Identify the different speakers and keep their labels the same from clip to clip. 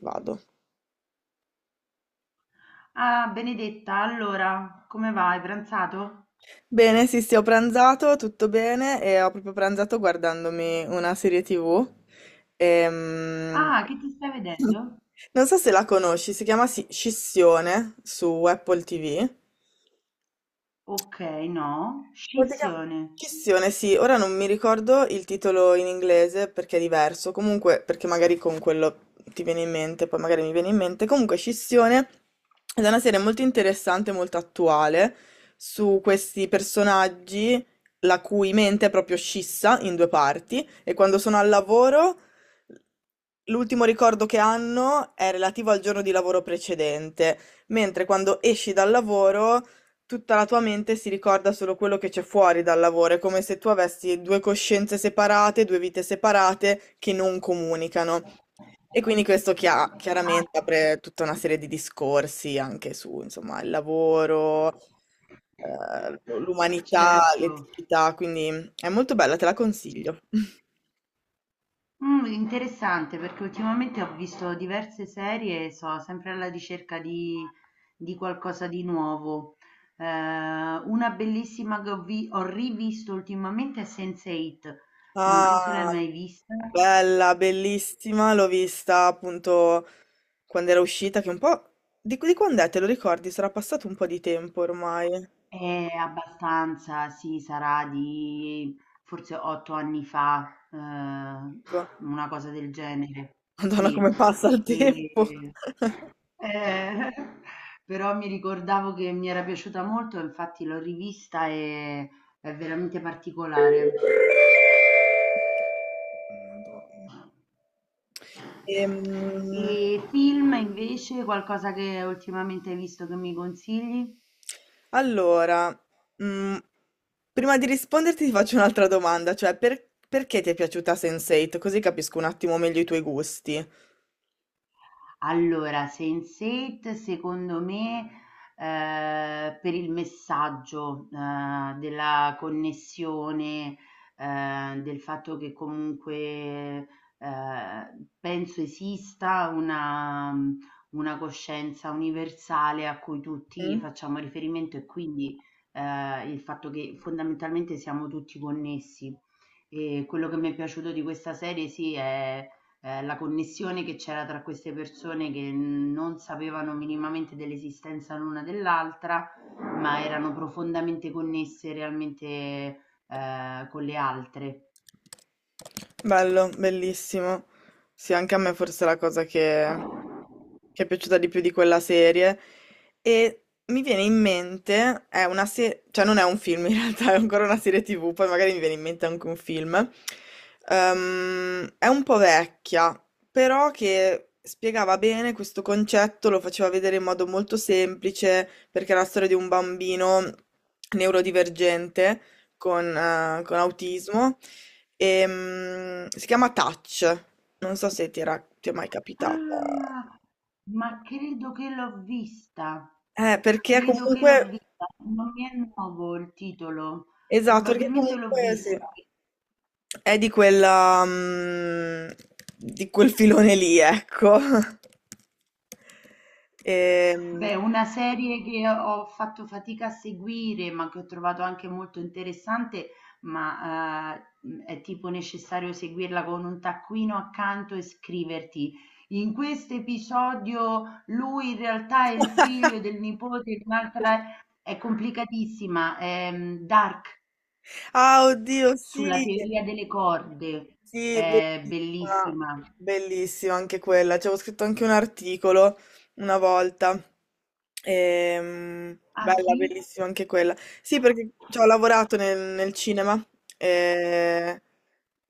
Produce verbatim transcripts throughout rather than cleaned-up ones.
Speaker 1: Vado.
Speaker 2: Ah, Benedetta, allora, come va? Hai pranzato?
Speaker 1: Bene, sì, sì, ho pranzato, tutto bene e ho proprio pranzato guardandomi una serie ti vu. Ehm,
Speaker 2: Ah, che ti stai vedendo?
Speaker 1: Non so se la conosci, si chiama Sci- Scissione su Apple ti vu.
Speaker 2: Ok, no,
Speaker 1: Bottega
Speaker 2: scissione.
Speaker 1: Chissione, sì, ora non mi ricordo il titolo in inglese perché è diverso, comunque perché magari con quello ti viene in mente, poi magari mi viene in mente. Comunque Scissione ed è una serie molto interessante, molto attuale, su questi personaggi la cui mente è proprio scissa in due parti e quando sono al lavoro l'ultimo ricordo che hanno è relativo al giorno di lavoro precedente, mentre quando esci dal lavoro tutta la tua mente si ricorda solo quello che c'è fuori dal lavoro, è come se tu avessi due coscienze separate, due vite separate che non comunicano. E quindi questo chia- chiaramente
Speaker 2: Ah,
Speaker 1: apre tutta una serie di discorsi anche su, insomma, il lavoro, eh, l'umanità,
Speaker 2: certo.
Speaker 1: l'eticità, quindi è molto bella, te la consiglio.
Speaker 2: Mm, interessante perché ultimamente ho visto diverse serie e so sempre alla ricerca di, di qualcosa di nuovo. Eh, una bellissima che ho, vi- ho rivisto ultimamente è sense eight. Non so se l'hai
Speaker 1: Ah,
Speaker 2: mai vista.
Speaker 1: bella, bellissima, l'ho vista appunto quando era uscita, che un po'... Di, di quando è? Te lo ricordi? Sarà passato un po' di tempo ormai.
Speaker 2: Eh, abbastanza, sì, sarà di forse otto anni fa, eh,
Speaker 1: Ecco.
Speaker 2: una cosa del genere,
Speaker 1: Madonna,
Speaker 2: sì.
Speaker 1: come passa il tempo.
Speaker 2: E- eh, però mi ricordavo che mi era piaciuta molto, infatti l'ho rivista e è veramente particolare.
Speaker 1: Madonna. Ehm,
Speaker 2: E film invece, qualcosa che ultimamente hai visto che mi consigli?
Speaker 1: allora, mm, prima di risponderti ti faccio un'altra domanda, cioè per- perché ti è piaciuta sense eight? Così capisco un attimo meglio i tuoi gusti.
Speaker 2: Allora, sense eight secondo me, ehm, per il messaggio, ehm, della connessione, ehm, del fatto che comunque, ehm, penso esista una mhmm, una coscienza universale a cui tutti
Speaker 1: Mm?
Speaker 2: facciamo riferimento e quindi, ehm, il fatto che fondamentalmente siamo tutti connessi. E quello che mi è piaciuto di questa serie sì è Ehm, la connessione che c'era tra queste persone che non sapevano minimamente dell'esistenza l'una dell'altra, ma erano profondamente connesse realmente, ehm, con le altre.
Speaker 1: Bello, bellissimo. Sì, anche a me forse è la cosa che, che è piaciuta di più di quella serie. E mi viene in mente, è una serie, cioè non è un film in realtà, è ancora una serie ti vu, poi magari mi viene in mente anche un film. Ehm, è un po' vecchia, però che spiegava bene questo concetto, lo faceva vedere in modo molto semplice, perché è la storia di un bambino neurodivergente con, eh, con autismo. Ehm, si chiama Touch, non so se ti era, ti è mai capitata.
Speaker 2: Ah! Ma credo che l'ho vista,
Speaker 1: Eh, perché
Speaker 2: credo che
Speaker 1: comunque,
Speaker 2: l'ho vista, non mi è nuovo il titolo,
Speaker 1: esatto, perché
Speaker 2: probabilmente l'ho
Speaker 1: comunque sì,
Speaker 2: vista.
Speaker 1: è di quella, mm, di quel filone lì, ecco. Ehm,
Speaker 2: Beh, una serie che ho fatto fatica a seguire, ma che ho trovato anche molto interessante, ma eh, mh, è tipo necessario seguirla con un taccuino accanto e scriverti. In questo episodio lui in realtà è il figlio del nipote di un'altra, è complicatissima, è mh, Dark,
Speaker 1: ah, oddio, sì,
Speaker 2: sulla teoria delle corde,
Speaker 1: sì,
Speaker 2: è
Speaker 1: bellissima,
Speaker 2: bellissima.
Speaker 1: bellissima anche quella. Ci avevo scritto anche un articolo una volta. Ehm,
Speaker 2: Ah
Speaker 1: bella,
Speaker 2: sì?
Speaker 1: bellissima anche quella. Sì, perché ci ho lavorato nel, nel cinema, eh,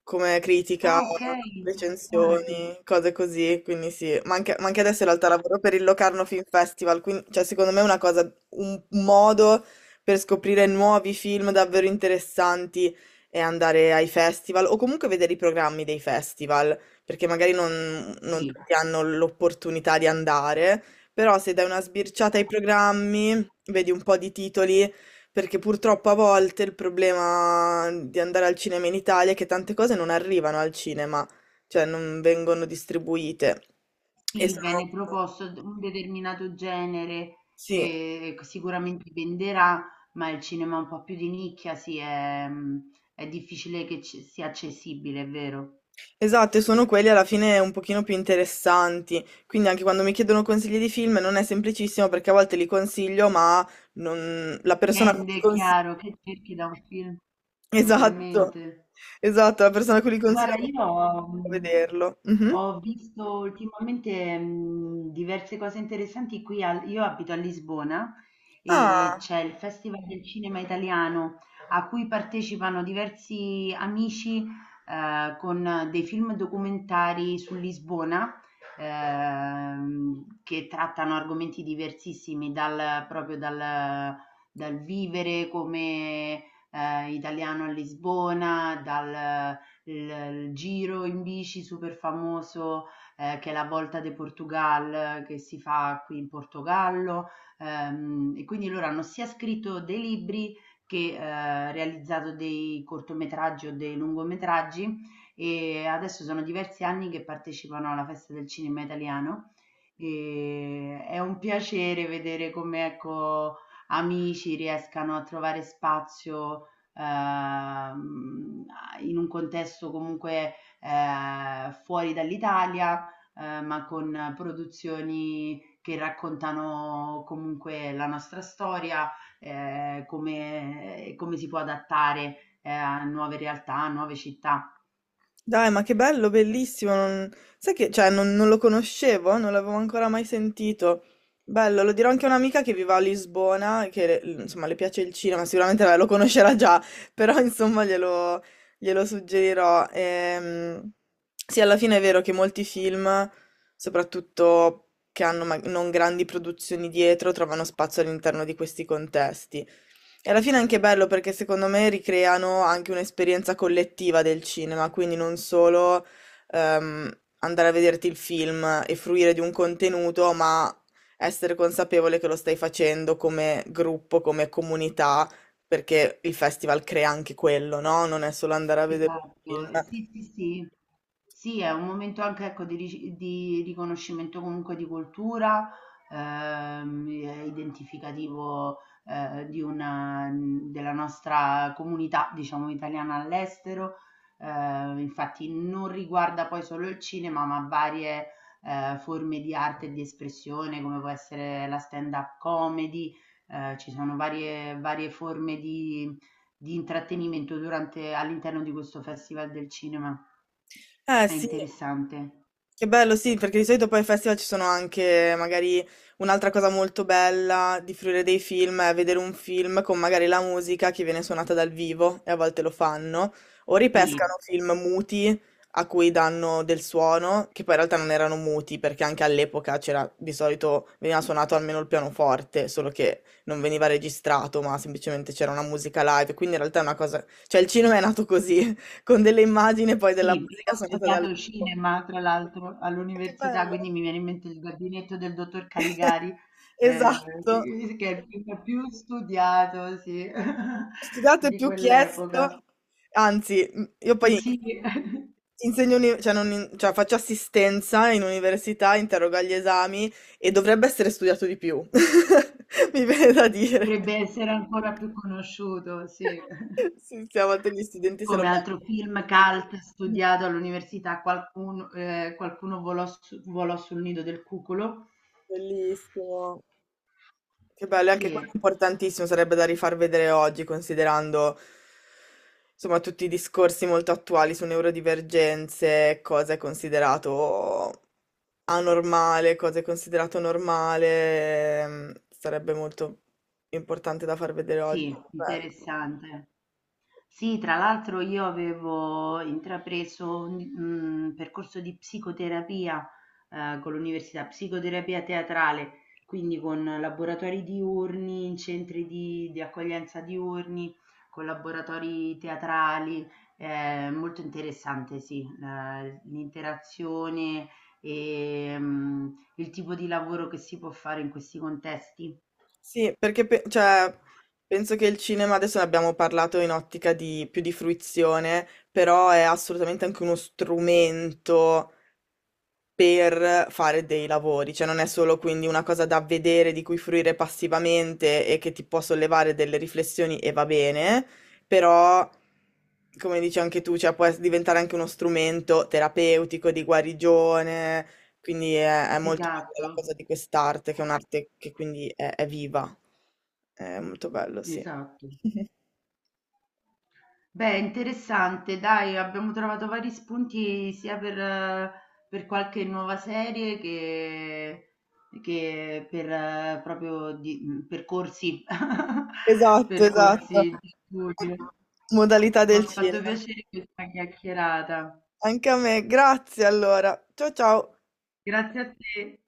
Speaker 1: come critica,
Speaker 2: Ah ok, interessante.
Speaker 1: recensioni, cose così. Quindi sì, ma anche, ma anche adesso in realtà lavoro per il Locarno Film Festival. Quindi, cioè, secondo me è una cosa, un modo per scoprire nuovi film davvero interessanti e andare ai festival o comunque vedere i programmi dei festival, perché magari non, non
Speaker 2: Sì.
Speaker 1: tutti hanno l'opportunità di andare, però se dai una sbirciata ai programmi, vedi un po' di titoli, perché purtroppo a volte il problema di andare al cinema in Italia è che tante cose non arrivano al cinema, cioè non vengono distribuite. E
Speaker 2: Sì, viene
Speaker 1: sono...
Speaker 2: proposto d un determinato genere
Speaker 1: Sì.
Speaker 2: che sicuramente venderà, ma il cinema un po' più di nicchia sì, è mhmm, è difficile che ci sia accessibile, è vero.
Speaker 1: Esatto, e sono quelli alla fine un pochino più interessanti. Quindi anche quando mi chiedono consigli di film non è semplicissimo perché a volte li consiglio, ma non... la persona a cui
Speaker 2: Dipende,
Speaker 1: li
Speaker 2: è
Speaker 1: consiglio...
Speaker 2: chiaro, che cerchi da un film,
Speaker 1: Esatto,
Speaker 2: ovviamente.
Speaker 1: esatto, la persona a cui li consiglio
Speaker 2: Guarda,
Speaker 1: non
Speaker 2: io ho,
Speaker 1: può
Speaker 2: mh,
Speaker 1: vederlo. Mhm.
Speaker 2: ho visto ultimamente mh, diverse cose interessanti qui. Al- io abito a Lisbona e
Speaker 1: Ah.
Speaker 2: c'è il Festival del Cinema Italiano a cui partecipano diversi amici, eh, con dei film documentari su Lisbona, ehm, che trattano argomenti diversissimi, dal, proprio dal, dal vivere come eh, italiano a Lisbona, dal il, il giro in bici super famoso, eh, che è la Volta de Portugal che si fa qui in Portogallo. Ehm, e quindi loro hanno sia scritto dei libri che eh, realizzato dei cortometraggi o dei lungometraggi, e adesso sono diversi anni che partecipano alla Festa del Cinema Italiano. Ehm, è un piacere vedere come, ecco, amici riescano a trovare spazio, ehm, a in un contesto comunque, ehm, fuori dall'Italia, ehm, ma con produzioni che raccontano comunque la nostra storia, ehm, come come si può adattare, ehm, a nuove realtà, a nuove città.
Speaker 1: Dai, ma che bello, bellissimo. non- Sai che, cioè, non, non lo conoscevo, eh, non l'avevo ancora mai sentito. Bello, lo dirò anche a un'amica che vive a Lisbona, e che, le- insomma, le piace il cinema, sicuramente vabbè, lo conoscerà già, però, insomma, glielo, glielo suggerirò. Ehm, sì, alla fine è vero che molti film, soprattutto che hanno ma- non grandi produzioni dietro, trovano spazio all'interno di questi contesti. E alla fine è anche bello perché secondo me ricreano anche un'esperienza collettiva del cinema, quindi non solo ehm, andare a vederti il film e fruire di un contenuto, ma essere consapevole che lo stai facendo come gruppo, come comunità, perché il festival crea anche quello, no? Non è solo andare a vedere un
Speaker 2: Esatto,
Speaker 1: film.
Speaker 2: ehm, sì, sì, sì. Sì, è un momento anche, ecco, di rici di riconoscimento comunque di cultura, ehm, è identificativo, ehm, di una mhmm, della nostra comunità, diciamo, italiana all'estero. Ehm, infatti non riguarda poi solo il cinema, ma varie, ehm, forme di arte e di espressione, come può essere la stand-up comedy, ehm, ci sono varie varie forme di di intrattenimento durante all'interno di questo Festival del cinema.
Speaker 1: Eh
Speaker 2: È
Speaker 1: sì.
Speaker 2: interessante.
Speaker 1: Che bello, sì, perché di solito poi ai festival ci sono anche magari un'altra cosa molto bella di fruire dei film è vedere un film con magari la musica che viene suonata dal vivo e a volte lo fanno, o
Speaker 2: Sì,
Speaker 1: ripescano film muti a cui danno del suono, che poi in realtà non erano muti perché anche all'epoca c'era di solito veniva suonato almeno il pianoforte, solo che non veniva registrato, ma semplicemente c'era una musica live, quindi in realtà è una cosa, cioè il cinema è nato così, con delle immagini e poi della
Speaker 2: sì, io
Speaker 1: musica
Speaker 2: ho
Speaker 1: suonata dal
Speaker 2: studiato
Speaker 1: vivo.
Speaker 2: cinema, tra l'altro,
Speaker 1: Che
Speaker 2: all'università,
Speaker 1: bello.
Speaker 2: quindi mi viene in mente Il gabinetto del dottor Caligari, eh,
Speaker 1: Esatto.
Speaker 2: che è il film più studiato, sì,
Speaker 1: Studiate
Speaker 2: di
Speaker 1: più
Speaker 2: quell'epoca.
Speaker 1: chiesto. Anzi, m- io poi
Speaker 2: Sì,
Speaker 1: insegno, uni- cioè non in- cioè faccio assistenza in università, interrogo agli esami e dovrebbe essere studiato di più. Mi viene da dire.
Speaker 2: dovrebbe essere ancora più conosciuto, sì.
Speaker 1: Sì, siamo degli studenti se lo
Speaker 2: Come altro
Speaker 1: perdono.
Speaker 2: film cult studiato all'università, qualcun ehm, "Qualcuno volò su volò sul nido del cuculo".
Speaker 1: Bellissimo. Che bello, e anche
Speaker 2: Sì,
Speaker 1: quello è importantissimo, sarebbe da rifar vedere oggi, considerando insomma tutti i discorsi molto attuali su neurodivergenze, cosa è considerato anormale, cosa è considerato normale, ehm, sarebbe molto importante da far vedere oggi.
Speaker 2: sì,
Speaker 1: Bello.
Speaker 2: interessante. Sì, tra l'altro io avevo intrapreso un, un percorso di psicoterapia, eh, con l'università, psicoterapia teatrale, quindi con laboratori diurni, in centri di, di accoglienza diurni, con laboratori teatrali, eh, molto interessante, sì, la- l'interazione e mm, il tipo di lavoro che si può fare in questi contesti.
Speaker 1: Sì, perché pe- cioè, penso che il cinema, adesso ne abbiamo parlato in ottica di più di fruizione, però è assolutamente anche uno strumento per fare dei lavori, cioè non è solo quindi una cosa da vedere, di cui fruire passivamente e che ti può sollevare delle riflessioni e va bene, però come dici anche tu, cioè può es- diventare anche uno strumento terapeutico di guarigione, quindi è, è molto bella la
Speaker 2: Esatto,
Speaker 1: cosa di quest'arte, che è un'arte che quindi è, è viva. È molto bello, sì.
Speaker 2: esatto. Beh, interessante, dai, abbiamo trovato vari spunti sia per, eh, per qualche nuova serie che, che per eh, proprio di, mh, percorsi,
Speaker 1: Esatto, esatto.
Speaker 2: percorsi di studio.
Speaker 1: Modalità
Speaker 2: Mi ha
Speaker 1: del
Speaker 2: fatto
Speaker 1: cinema.
Speaker 2: piacere questa chiacchierata.
Speaker 1: Anche a me, grazie allora. Ciao ciao.
Speaker 2: Grazie a te.